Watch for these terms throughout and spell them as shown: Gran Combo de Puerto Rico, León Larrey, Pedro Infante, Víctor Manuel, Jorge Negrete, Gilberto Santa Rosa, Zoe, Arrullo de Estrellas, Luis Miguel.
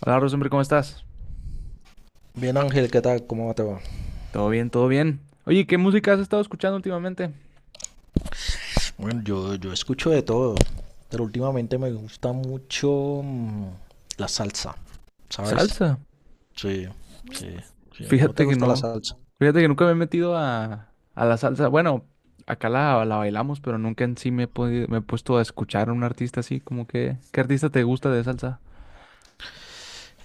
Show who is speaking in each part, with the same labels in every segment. Speaker 1: Hola, Rosembri, ¿cómo estás?
Speaker 2: Bien, Ángel, ¿qué tal? ¿Cómo te va?
Speaker 1: Todo bien, todo bien. Oye, ¿qué música has estado escuchando últimamente?
Speaker 2: Bueno, yo escucho de todo, pero últimamente me gusta mucho la salsa, ¿sabes?
Speaker 1: Salsa.
Speaker 2: Sí, sí, sí. ¿No te
Speaker 1: Fíjate que
Speaker 2: gusta la
Speaker 1: no.
Speaker 2: salsa?
Speaker 1: Fíjate que nunca me he metido a la salsa. Bueno, acá la bailamos, pero nunca en sí me he puesto a escuchar a un artista así, como que, ¿qué artista te gusta de salsa?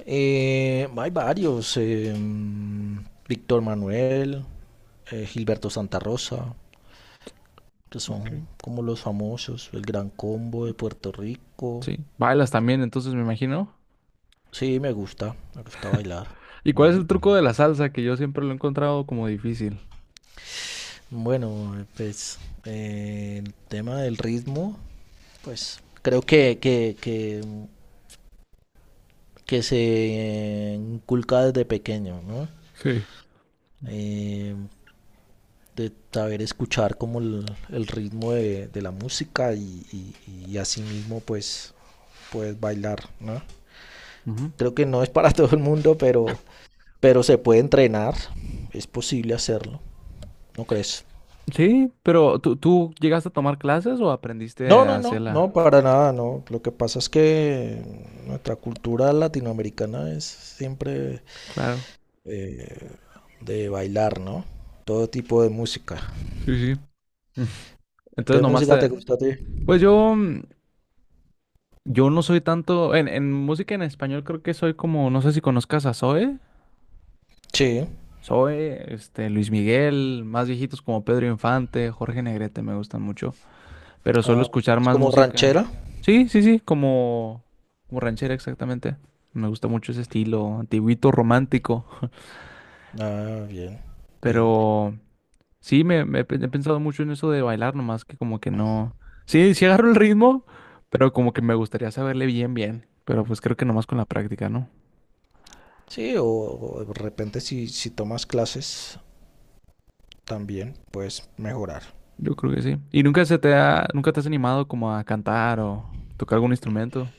Speaker 2: Hay varios, Víctor Manuel, Gilberto Santa Rosa, que son
Speaker 1: Okay.
Speaker 2: como los famosos, el Gran Combo de Puerto Rico.
Speaker 1: Sí. Bailas también, entonces me imagino.
Speaker 2: Sí, me gusta bailar.
Speaker 1: ¿Y cuál es
Speaker 2: Mm.
Speaker 1: el truco de la salsa? Que yo siempre lo he encontrado como difícil.
Speaker 2: Bueno, pues el tema del ritmo. Pues creo que se inculca desde pequeño, ¿no?
Speaker 1: Sí.
Speaker 2: Eh, de saber escuchar como el ritmo de la música y y, así mismo pues puedes bailar, ¿no?
Speaker 1: Ujú.
Speaker 2: Creo que no es para todo el mundo, pero se puede entrenar, es posible hacerlo, ¿no crees?
Speaker 1: Sí, pero ¿tú llegaste a tomar clases o aprendiste
Speaker 2: No,
Speaker 1: a
Speaker 2: no, no,
Speaker 1: hacerla?
Speaker 2: no, para nada, no. Lo que pasa es que nuestra cultura latinoamericana es siempre
Speaker 1: Claro.
Speaker 2: eh, de bailar, ¿no? Todo tipo de música.
Speaker 1: Sí, sí. Entonces
Speaker 2: ¿Qué
Speaker 1: nomás
Speaker 2: música te
Speaker 1: te...
Speaker 2: gusta a ti?
Speaker 1: Pues yo, yo no soy tanto... En música en español creo que soy como... No sé si conozcas a Zoe.
Speaker 2: Sí.
Speaker 1: Zoe, este, Luis Miguel, más viejitos como Pedro Infante, Jorge Negrete me gustan mucho. Pero suelo
Speaker 2: Ah,
Speaker 1: escuchar
Speaker 2: ¿más
Speaker 1: más
Speaker 2: como
Speaker 1: música.
Speaker 2: ranchera?
Speaker 1: Sí, sí, sí, como, como ranchera exactamente. Me gusta mucho ese estilo, antiguito, romántico.
Speaker 2: Ah, bien, bien.
Speaker 1: Pero... Sí, he pensado mucho en eso de bailar, nomás que como que no. Sí, sí agarro el ritmo, pero como que me gustaría saberle bien, bien. Pero pues creo que nomás con la práctica, ¿no?
Speaker 2: Sí, o de repente si, si tomas clases también puedes mejorar.
Speaker 1: Yo creo que sí. ¿Y nunca te has animado como a cantar o tocar algún instrumento?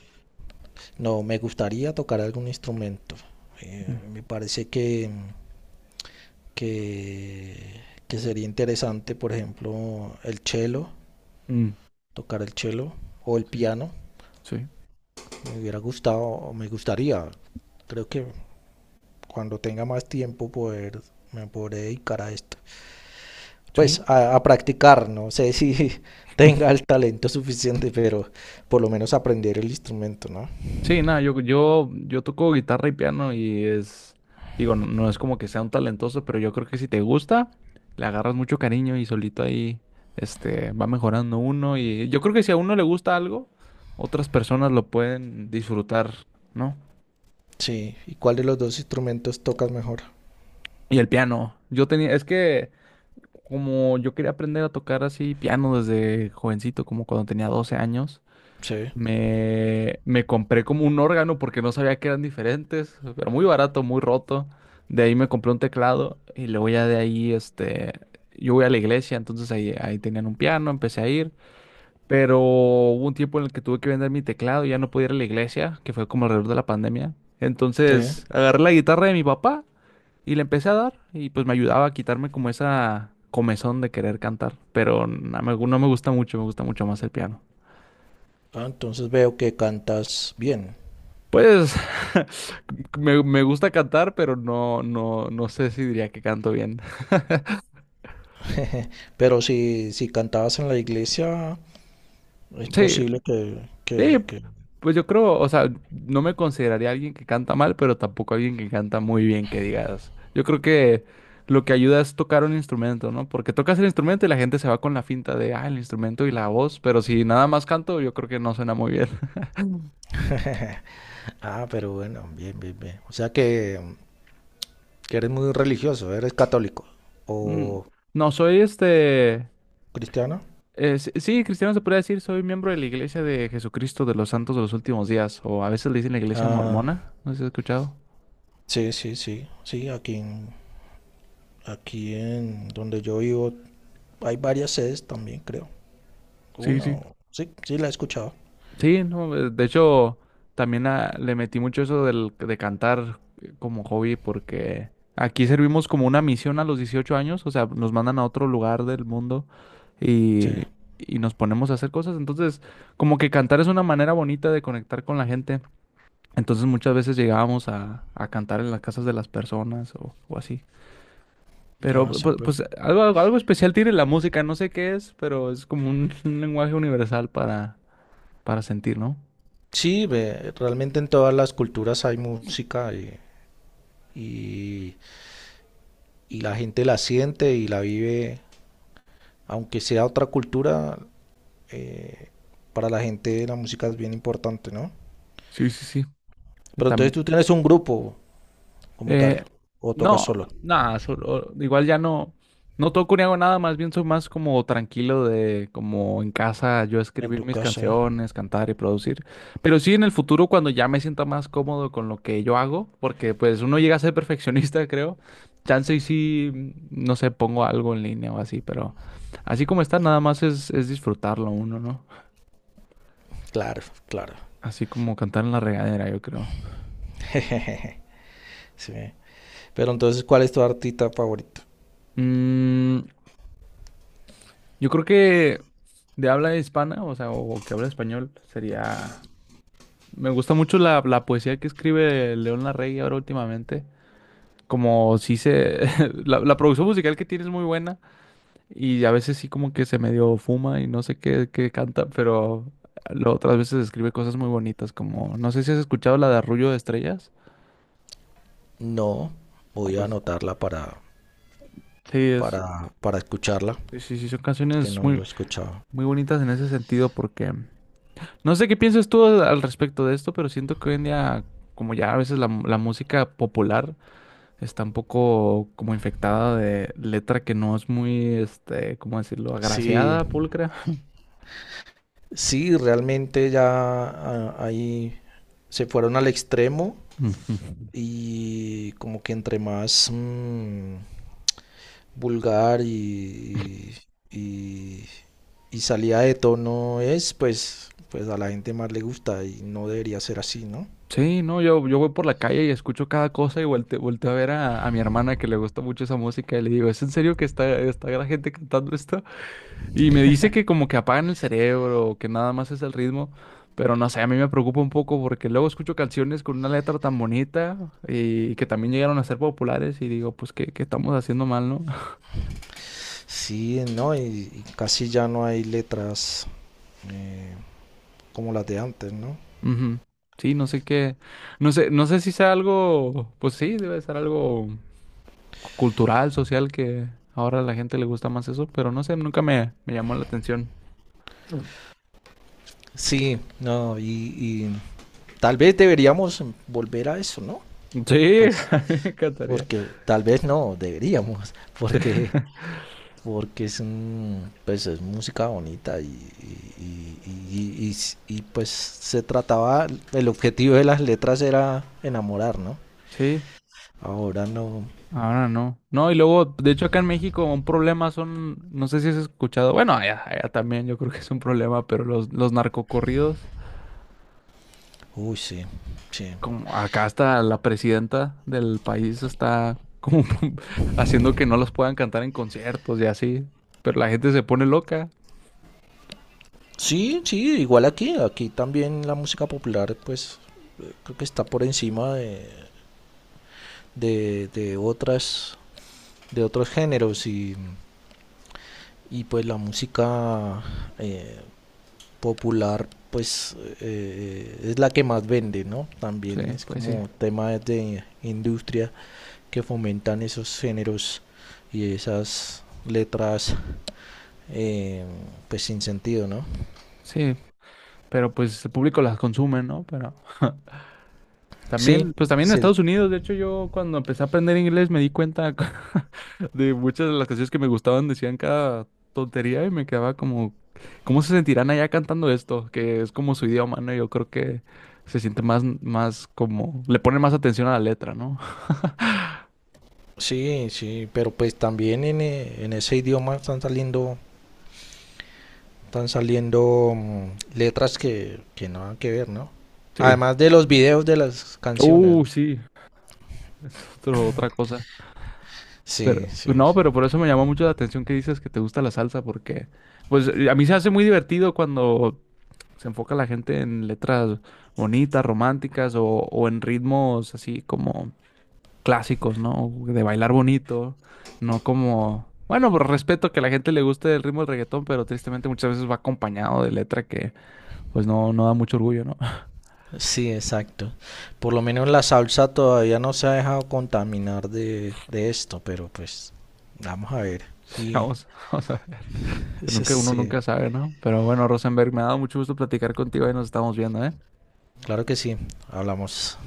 Speaker 2: No, me gustaría tocar algún instrumento.
Speaker 1: Mm.
Speaker 2: Me parece que, que sería interesante, por ejemplo, el cello,
Speaker 1: Mm.
Speaker 2: tocar el cello o el
Speaker 1: Sí,
Speaker 2: piano.
Speaker 1: sí,
Speaker 2: Me hubiera gustado, o me gustaría. Creo que cuando tenga más tiempo poder, me podré dedicar a esto. Pues
Speaker 1: sí.
Speaker 2: a practicar, no sé si tenga el talento suficiente, pero por lo menos aprender el instrumento, ¿no?
Speaker 1: Sí, nada, yo toco guitarra y piano y es, digo, no es como que sea un talentoso, pero yo creo que si te gusta, le agarras mucho cariño y solito ahí, este, va mejorando uno y yo creo que si a uno le gusta algo, otras personas lo pueden disfrutar, ¿no?
Speaker 2: Sí, ¿y cuál de los dos instrumentos tocas mejor?
Speaker 1: Y el piano, yo tenía, es que como yo quería aprender a tocar así piano desde jovencito, como cuando tenía 12 años.
Speaker 2: Sí,
Speaker 1: Me compré como un órgano porque no sabía que eran diferentes, pero muy barato, muy roto. De ahí me compré un teclado y luego ya de ahí, este, yo voy a la iglesia, entonces ahí tenían un piano, empecé a ir, pero hubo un tiempo en el que tuve que vender mi teclado y ya no podía ir a la iglesia, que fue como alrededor de la pandemia.
Speaker 2: sí.
Speaker 1: Entonces agarré la guitarra de mi papá y le empecé a dar y pues me ayudaba a quitarme como esa comezón de querer cantar, pero no me gusta mucho, me gusta mucho más el piano.
Speaker 2: Ah, entonces veo que cantas bien.
Speaker 1: Pues me gusta cantar, pero no sé si diría que canto bien.
Speaker 2: Pero si, si cantabas en la iglesia, es
Speaker 1: Sí,
Speaker 2: posible
Speaker 1: sí,
Speaker 2: que...
Speaker 1: pues yo creo, o sea, no me consideraría alguien que canta mal, pero tampoco alguien que canta muy bien, que digas. Yo creo que lo que ayuda es tocar un instrumento, ¿no? Porque tocas el instrumento y la gente se va con la finta de, ah, el instrumento y la voz, pero si nada más canto, yo creo que no suena muy bien.
Speaker 2: Ah, pero bueno, bien, bien, bien. O sea que eres muy religioso, ¿eres católico
Speaker 1: Mm.
Speaker 2: o
Speaker 1: No, soy este.
Speaker 2: cristiano?
Speaker 1: Sí, sí, cristiano se puede decir, soy miembro de la Iglesia de Jesucristo de los Santos de los Últimos Días, o a veces le dicen la Iglesia
Speaker 2: Ah,
Speaker 1: Mormona, no sé si has escuchado.
Speaker 2: sí, sí, sí, sí, aquí en donde yo vivo hay varias sedes también, creo.
Speaker 1: Sí,
Speaker 2: Una
Speaker 1: sí.
Speaker 2: o... Sí, sí, la he escuchado.
Speaker 1: Sí, no, de hecho, también ah, le metí mucho eso del, de cantar como hobby, porque aquí servimos como una misión a los 18 años, o sea, nos mandan a otro lugar del mundo y,
Speaker 2: Sí,
Speaker 1: y nos ponemos a hacer cosas, entonces, como que cantar es una manera bonita de conectar con la gente, entonces muchas veces llegábamos a cantar en las casas de las personas o así. Pero
Speaker 2: ah, súper.
Speaker 1: pues, algo especial tiene la música, no sé qué es, pero es como un, un lenguaje universal para sentir, ¿no?
Speaker 2: Sí, ve, realmente en todas las culturas hay música y y la gente la siente y la vive, aunque sea otra cultura, eh, para la gente la música es bien importante, ¿no?
Speaker 1: Sí, sí, sí.
Speaker 2: Pero entonces
Speaker 1: Tam-
Speaker 2: tú tienes un grupo como tal,
Speaker 1: Eh,
Speaker 2: o tocas
Speaker 1: no,
Speaker 2: solo
Speaker 1: nada, igual ya no, no toco ni hago nada, más bien soy más como tranquilo de como en casa yo
Speaker 2: en
Speaker 1: escribir
Speaker 2: tu
Speaker 1: mis
Speaker 2: casa.
Speaker 1: canciones, cantar y producir. Pero sí en el futuro cuando ya me sienta más cómodo con lo que yo hago, porque pues uno llega a ser perfeccionista, creo. Chance y sí, no sé, pongo algo en línea o así, pero así como está, nada más es disfrutarlo uno, ¿no?
Speaker 2: Claro, claro.
Speaker 1: Así como cantar en la regadera, yo creo.
Speaker 2: Sí. Pero entonces, ¿cuál es tu artista favorito?
Speaker 1: Mm. Yo creo que de habla hispana, o sea, o, que habla español, sería... Me gusta mucho la poesía que escribe León Larrey ahora últimamente. Como si se... La producción musical que tiene es muy buena y a veces sí como que se medio fuma y no sé qué, qué canta, pero otras veces escribe cosas muy bonitas como... No sé si has escuchado la de Arrullo de Estrellas.
Speaker 2: No,
Speaker 1: Ah,
Speaker 2: voy a
Speaker 1: pues...
Speaker 2: anotarla
Speaker 1: Sí, es...
Speaker 2: para escucharla,
Speaker 1: Sí, sí, sí, son
Speaker 2: que
Speaker 1: canciones
Speaker 2: no lo
Speaker 1: muy,
Speaker 2: he escuchado.
Speaker 1: muy bonitas en ese sentido porque... No sé qué piensas tú al al respecto de esto, pero siento que hoy en día, como ya a veces la música popular está un poco como infectada de letra que no es muy, este, ¿cómo decirlo?
Speaker 2: Sí,
Speaker 1: Agraciada, pulcra.
Speaker 2: sí, realmente ya ahí se fueron al extremo
Speaker 1: Ujú.
Speaker 2: y como que entre más vulgar y y salida de tono es, pues, pues a la gente más le gusta y no debería ser así, ¿no?
Speaker 1: Sí, no, yo voy por la calle y escucho cada cosa y volteo a ver a mi hermana que le gusta mucho esa música y le digo, ¿es en serio que está la gente cantando esto? Y me dice que como que apagan el cerebro, que nada más es el ritmo, pero no sé, a mí me preocupa un poco porque luego escucho canciones con una letra tan bonita y que también llegaron a ser populares y digo, pues qué estamos haciendo mal, ¿no?
Speaker 2: Sí, no, y casi ya no hay letras eh, como las de antes, ¿no?
Speaker 1: Ujú. Sí, no sé, no sé si sea algo, pues sí, debe ser algo cultural, social, que ahora a la gente le gusta más eso, pero no sé, nunca me, me llamó la atención. Mm.
Speaker 2: Sí, no, y tal vez deberíamos volver a eso, ¿no?
Speaker 1: Sí,
Speaker 2: Pues,
Speaker 1: a mí me encantaría.
Speaker 2: porque tal vez no, deberíamos,
Speaker 1: Sí,
Speaker 2: porque, porque es, un- pues, es música bonita y pues se trataba, el objetivo de las letras era enamorar, ¿no?
Speaker 1: sí.
Speaker 2: Ahora no,
Speaker 1: Ahora no. No, y luego, de hecho, acá en México un problema son, no sé si has escuchado, bueno, allá, allá también yo creo que es un problema, pero los narcocorridos,
Speaker 2: uy, sí, sí.
Speaker 1: como acá hasta la presidenta del país está como haciendo que no los puedan cantar en conciertos y así, pero la gente se pone loca.
Speaker 2: Sí, sí, igual aquí también la música popular, pues creo que está por encima de otras, de otros géneros y pues la música eh, popular, pues es la que más vende, ¿no?
Speaker 1: Sí,
Speaker 2: También es
Speaker 1: pues sí,
Speaker 2: como tema de industria que fomentan esos géneros y esas letras, eh, pues sin sentido, ¿no?
Speaker 1: sí, pero pues el público las consume, ¿no? Pero
Speaker 2: Sí,
Speaker 1: también, pues también en
Speaker 2: sí.
Speaker 1: Estados Unidos, de hecho, yo cuando empecé a aprender inglés me di cuenta de muchas de las canciones que me gustaban decían cada tontería y me quedaba como, ¿cómo se sentirán allá cantando esto? Que es como su idioma, ¿no? Yo creo que se siente más, más como, le ponen más atención a la letra, ¿no?
Speaker 2: Sí, sí, pero pues también en ese idioma están saliendo letras que no han que ver, ¿no?
Speaker 1: Sí.
Speaker 2: Además de los videos de las canciones, ¿no?
Speaker 1: Sí, es otro, otra cosa.
Speaker 2: Sí,
Speaker 1: Pero,
Speaker 2: sí,
Speaker 1: no, pero por eso me llamó mucho la atención que dices que te gusta la salsa, porque, pues, a mí se hace muy divertido cuando se enfoca la gente en letras bonitas, románticas o en ritmos así como clásicos, ¿no? De bailar bonito, no como... Bueno, pues, respeto que a la gente le guste el ritmo del reggaetón, pero tristemente muchas veces va acompañado de letra que pues no, no da mucho orgullo, ¿no?
Speaker 2: sí, exacto. Por lo menos la salsa todavía no se ha dejado contaminar de esto, pero pues vamos a ver.
Speaker 1: Sí,
Speaker 2: Sí,
Speaker 1: vamos, vamos a ver.
Speaker 2: sí,
Speaker 1: Nunca, uno
Speaker 2: sí,
Speaker 1: nunca sabe, ¿no? Pero bueno, Rosenberg, me ha dado mucho gusto platicar contigo y nos estamos viendo, ¿eh?
Speaker 2: claro que sí, hablamos.